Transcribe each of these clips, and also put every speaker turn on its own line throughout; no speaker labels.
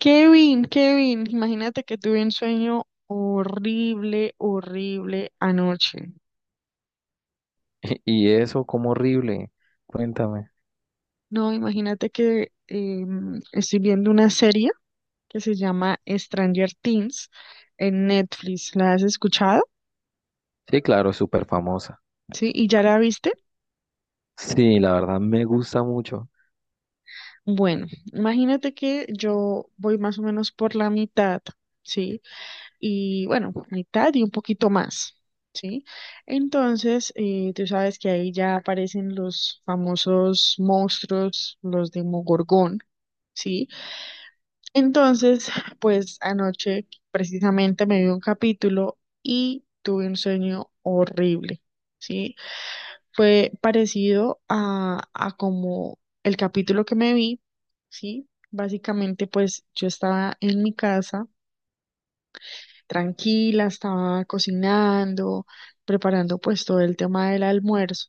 Kevin, Kevin, imagínate que tuve un sueño horrible, horrible anoche.
Y eso, como horrible. Cuéntame.
No, imagínate que estoy viendo una serie que se llama Stranger Things en Netflix. ¿La has escuchado?
Sí, claro, es súper famosa.
¿Sí? ¿Y ya la viste?
Sí, la verdad me gusta mucho.
Bueno, imagínate que yo voy más o menos por la mitad, ¿sí? Y bueno, mitad y un poquito más, ¿sí? Entonces, tú sabes que ahí ya aparecen los famosos monstruos, los de Mogorgón, ¿sí? Entonces, pues anoche precisamente me vi un capítulo y tuve un sueño horrible, ¿sí? Fue parecido a como el capítulo que me vi, ¿sí? Básicamente, pues yo estaba en mi casa tranquila, estaba cocinando, preparando pues todo el tema del almuerzo,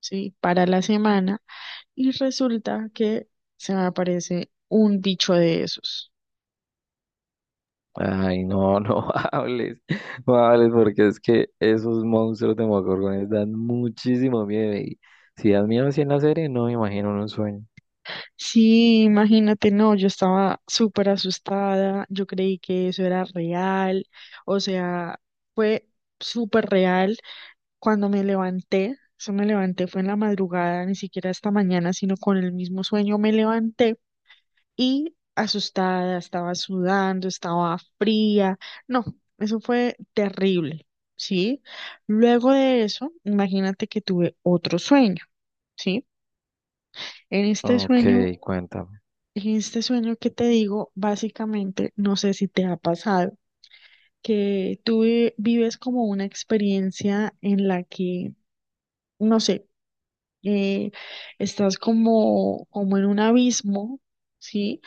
¿sí? Para la semana y resulta que se me aparece un bicho de esos.
Ay, no, no hables, no hables, porque es que esos monstruos de Mogorgones dan muchísimo miedo. Y si dan miedo así en la serie, no me imagino en un sueño.
Sí, imagínate, no, yo estaba súper asustada, yo creí que eso era real, o sea, fue súper real cuando me levanté, eso me levanté fue en la madrugada, ni siquiera esta mañana, sino con el mismo sueño me levanté y asustada, estaba sudando, estaba fría. No, eso fue terrible, ¿sí? Luego de eso, imagínate que tuve otro sueño, ¿sí? En este
Ok,
sueño,
cuéntame.
en este sueño que te digo, básicamente, no sé si te ha pasado, que vives como una experiencia en la que, no sé, eh, estás como, como en un abismo, ¿sí?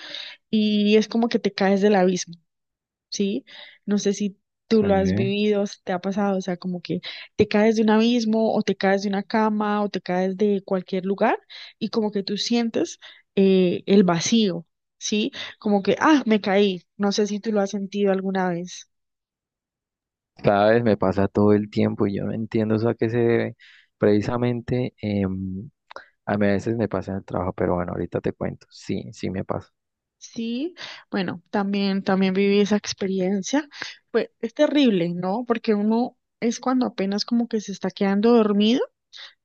Y es como que te caes del abismo. ¿Sí? No sé si tú lo has
Sí.
vivido, si te ha pasado, o sea, como que te caes de un abismo o te caes de una cama o te caes de cualquier lugar y como que tú sientes el vacío, ¿sí? Como que, ah, me caí, no sé si tú lo has sentido alguna vez.
Sabes, me pasa todo el tiempo y yo no entiendo eso a qué se debe. Precisamente, a mí a veces me pasa en el trabajo, pero bueno, ahorita te cuento. Sí, sí me pasa.
Sí, bueno, también, también viví esa experiencia. Pues es terrible, ¿no? Porque uno es cuando apenas como que se está quedando dormido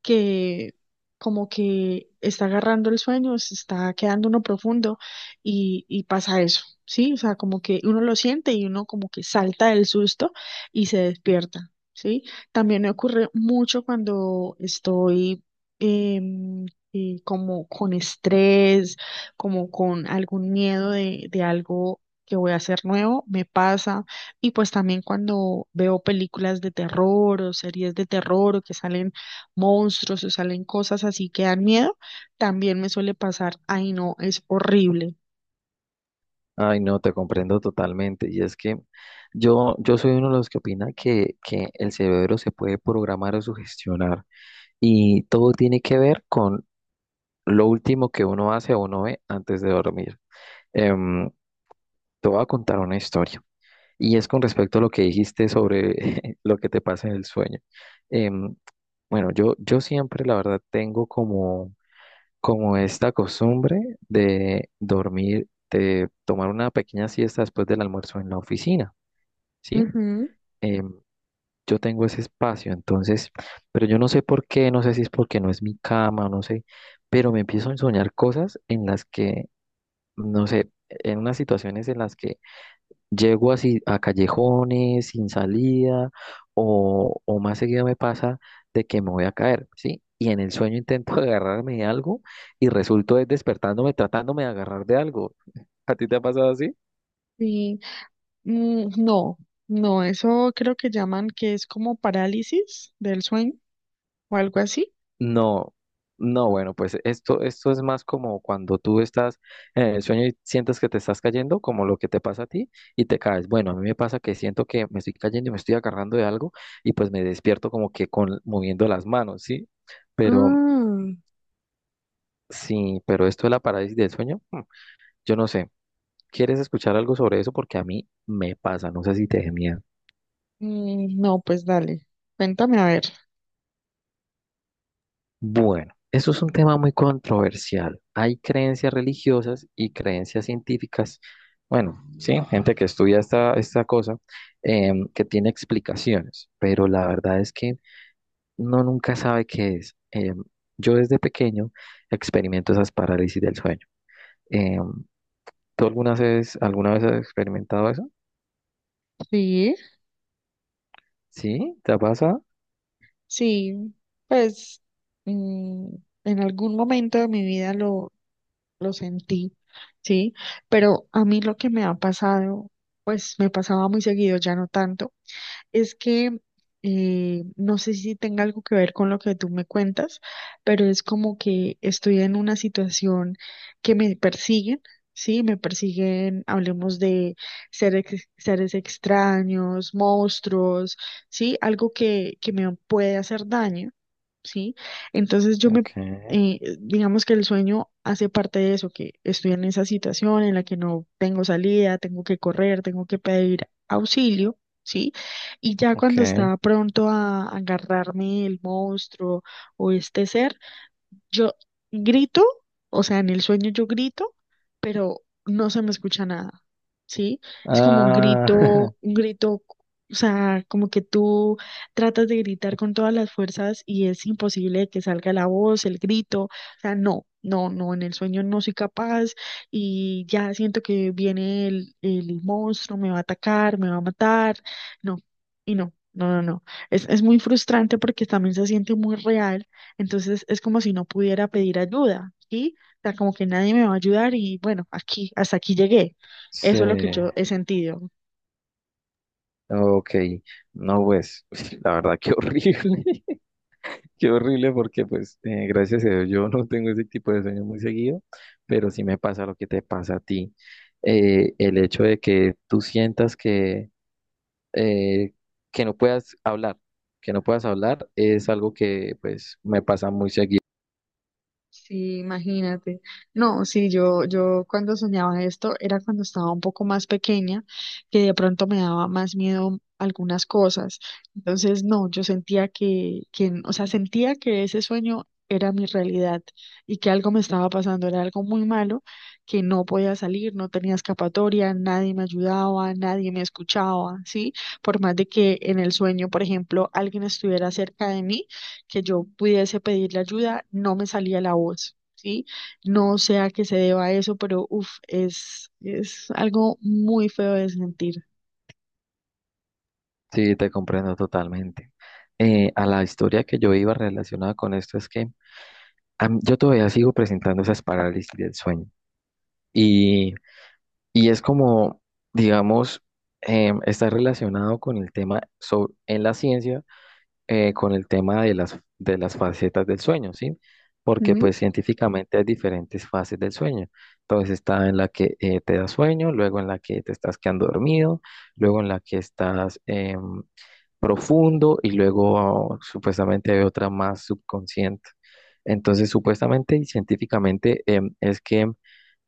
que como que está agarrando el sueño, se está quedando uno profundo y pasa eso, ¿sí? O sea, como que uno lo siente y uno como que salta del susto y se despierta, ¿sí? También me ocurre mucho cuando estoy... em, como con estrés, como con algún miedo de algo que voy a hacer nuevo, me pasa. Y pues también cuando veo películas de terror o series de terror o que salen monstruos o salen cosas así que dan miedo, también me suele pasar. Ay, no, es horrible.
Ay, no, te comprendo totalmente. Y es que yo soy uno de los que opina que el cerebro se puede programar o sugestionar y todo tiene que ver con lo último que uno hace o uno ve antes de dormir. Em, Te voy a contar una historia y es con respecto a lo que dijiste sobre lo que te pasa en el sueño. Em, bueno, yo siempre, la verdad, tengo como esta costumbre de dormir, de tomar una pequeña siesta después del almuerzo en la oficina, ¿sí?
Ujú,
Em, yo tengo ese espacio, entonces, pero yo no sé por qué, no sé si es porque no es mi cama, no sé, pero me empiezo a soñar cosas en las que, no sé, en unas situaciones en las que llego así a callejones sin salida o más seguido me pasa de que me voy a caer, ¿sí? Y en el sueño intento agarrarme de algo y resulto es despertándome tratándome de agarrar de algo. ¿A ti te ha pasado así?
sí. Mm, no, no, eso creo que llaman que es como parálisis del sueño o algo así.
No, no, bueno, pues esto es más como cuando tú estás en el sueño y sientes que te estás cayendo, como lo que te pasa a ti y te caes. Bueno, a mí me pasa que siento que me estoy cayendo y me estoy agarrando de algo y pues me despierto como que con moviendo las manos, ¿sí? Pero
Ah,
sí, pero esto de la parálisis del sueño, yo no sé. ¿Quieres escuchar algo sobre eso? Porque a mí me pasa, no sé si te dé miedo.
mm, no, pues dale, cuéntame a ver.
Bueno, eso es un tema muy controversial. Hay creencias religiosas y creencias científicas. Bueno, sí, gente que estudia esta cosa, que tiene explicaciones, pero la verdad es que no nunca sabe qué es. Yo desde pequeño experimento esas parálisis del sueño. Em, ¿Tú alguna vez has experimentado eso?
Sí,
¿Sí? ¿Te pasa?
sí, pues mm, en algún momento de mi vida lo sentí, sí, pero a mí lo que me ha pasado, pues me pasaba muy seguido, ya no tanto. Es que no sé si tenga algo que ver con lo que tú me cuentas, pero es como que estoy en una situación que me persiguen, ¿sí? Me persiguen, hablemos de seres, seres extraños, monstruos, ¿sí? Algo que me puede hacer daño. ¿Sí? Entonces yo me,
Ok,
digamos que el sueño hace parte de eso, que estoy en esa situación en la que no tengo salida, tengo que correr, tengo que pedir auxilio, ¿sí? Y ya
ok.
cuando está pronto a agarrarme el monstruo o este ser, yo grito, o sea, en el sueño yo grito, pero no se me escucha nada, ¿sí? Es como
Ah,
un grito, o sea, como que tú tratas de gritar con todas las fuerzas y es imposible que salga la voz, el grito, o sea, no, no, no, en el sueño no soy capaz y ya siento que viene el monstruo, me va a atacar, me va a matar, no, y no, no, no, no. Es muy frustrante porque también se siente muy real entonces es como si no pudiera pedir ayuda, ¿sí? O sea, como que nadie me va a ayudar y bueno, aquí, hasta aquí llegué. Eso es lo que
sí.
yo he sentido.
Ok. No, pues, la verdad, qué horrible. Qué horrible porque, pues, gracias a Dios, yo no tengo ese tipo de sueños muy seguido, pero sí me pasa lo que te pasa a ti. El hecho de que tú sientas eh, que no puedas hablar, que no puedas hablar, es algo que, pues, me pasa muy seguido.
Sí, imagínate. No, sí, yo cuando soñaba esto era cuando estaba un poco más pequeña, que de pronto me daba más miedo algunas cosas. Entonces, no, yo sentía o sea, sentía que ese sueño era mi realidad y que algo me estaba pasando, era algo muy malo, que no podía salir, no tenía escapatoria, nadie me ayudaba, nadie me escuchaba, ¿sí? Por más de que en el sueño, por ejemplo, alguien estuviera cerca de mí que yo pudiese pedirle ayuda, no me salía la voz, ¿sí? No sé a qué se deba eso, pero uff, es algo muy feo de sentir.
Sí, te comprendo totalmente. A la historia que yo iba relacionada con esto es que a mí- yo todavía sigo presentando esas parálisis del sueño y, y es como, digamos, está relacionado con el tema so- en la ciencia, con el tema de las facetas del sueño, ¿sí? Porque
¿Mm?
pues científicamente hay diferentes fases del sueño. Entonces está en la que te da sueño, luego en la que te estás quedando dormido, luego en la que estás profundo y luego supuestamente hay otra más subconsciente. Entonces, supuestamente y científicamente es que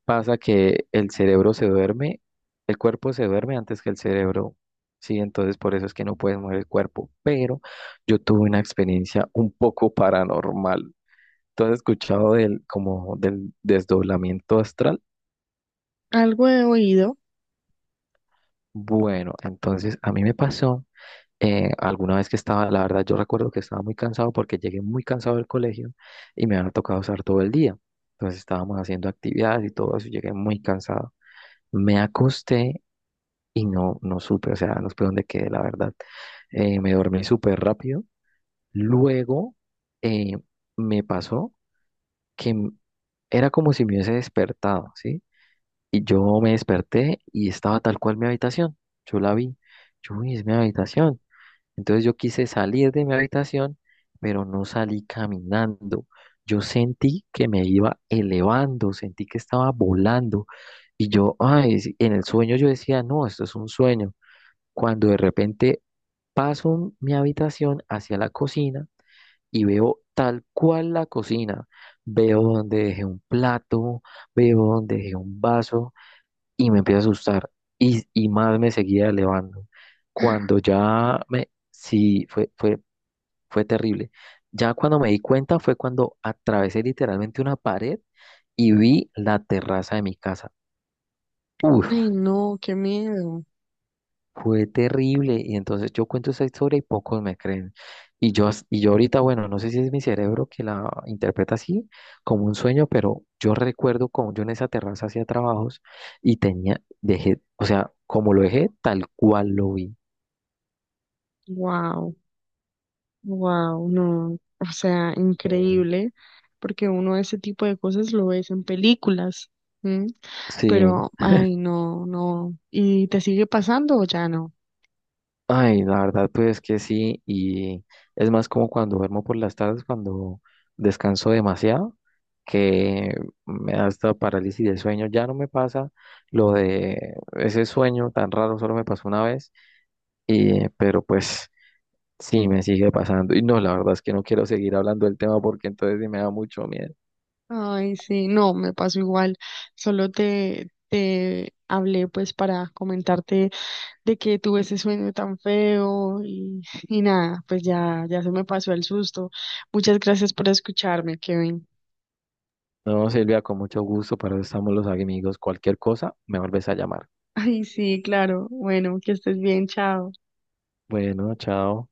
pasa que el cerebro se duerme, el cuerpo se duerme antes que el cerebro. Sí, entonces por eso es que no puedes mover el cuerpo. Pero yo tuve una experiencia un poco paranormal. ¿Tú has escuchado del, como del desdoblamiento astral?
Algo de oído.
Bueno, entonces a mí me pasó alguna vez que estaba, la verdad yo recuerdo que estaba muy cansado porque llegué muy cansado del colegio y me había tocado usar todo el día. Entonces estábamos haciendo actividades y todo eso y llegué muy cansado. Me acosté y no, no supe, o sea, no supe dónde quedé, la verdad. Me dormí súper rápido. Luego eh, me pasó que era como si me hubiese despertado, ¿sí? Y yo me desperté y estaba tal cual mi habitación. Yo la vi. Yo, uy, es mi habitación. Entonces yo quise salir de mi habitación, pero no salí caminando. Yo sentí que me iba elevando, sentí que estaba volando. Y yo, ay, sí, en el sueño yo decía, no, esto es un sueño. Cuando de repente paso mi habitación hacia la cocina y veo tal cual la cocina. Veo donde dejé un plato, veo donde dejé un vaso y me empecé a asustar y más me seguía elevando. Cuando ya me, sí, fue terrible. Ya cuando me di cuenta fue cuando atravesé literalmente una pared y vi la terraza de mi casa.
Ay,
Uf,
no, qué miedo.
fue terrible. Y entonces yo cuento esa historia y pocos me creen. Y yo, as- y yo ahorita, bueno, no sé si es mi cerebro que la interpreta así, como un sueño, pero yo recuerdo como yo en esa terraza hacía trabajos y tenía, dejé, o sea, como lo dejé, tal cual lo vi.
Wow, wow, no. O sea,
Eh,
increíble, porque uno ese tipo de cosas lo ves en películas. ¿Mm?
sí,
Pero, ay, no, no. ¿Y te sigue pasando o ya no?
ay, la verdad, pues que sí, y es más como cuando duermo por las tardes, cuando descanso demasiado, que me da hasta parálisis del sueño, ya no me pasa lo de ese sueño tan raro, solo me pasó una vez, y, pero pues sí, me sigue pasando, y no, la verdad es que no quiero seguir hablando del tema porque entonces sí me da mucho miedo.
Ay, sí, no, me pasó igual. Solo te hablé pues para comentarte de que tuve ese sueño tan feo y nada, pues ya, ya se me pasó el susto. Muchas gracias por escucharme, Kevin.
No, Silvia, con mucho gusto, para eso estamos los amigos, cualquier cosa, me vuelves a llamar.
Ay, sí, claro. Bueno, que estés bien, chao.
Bueno, chao.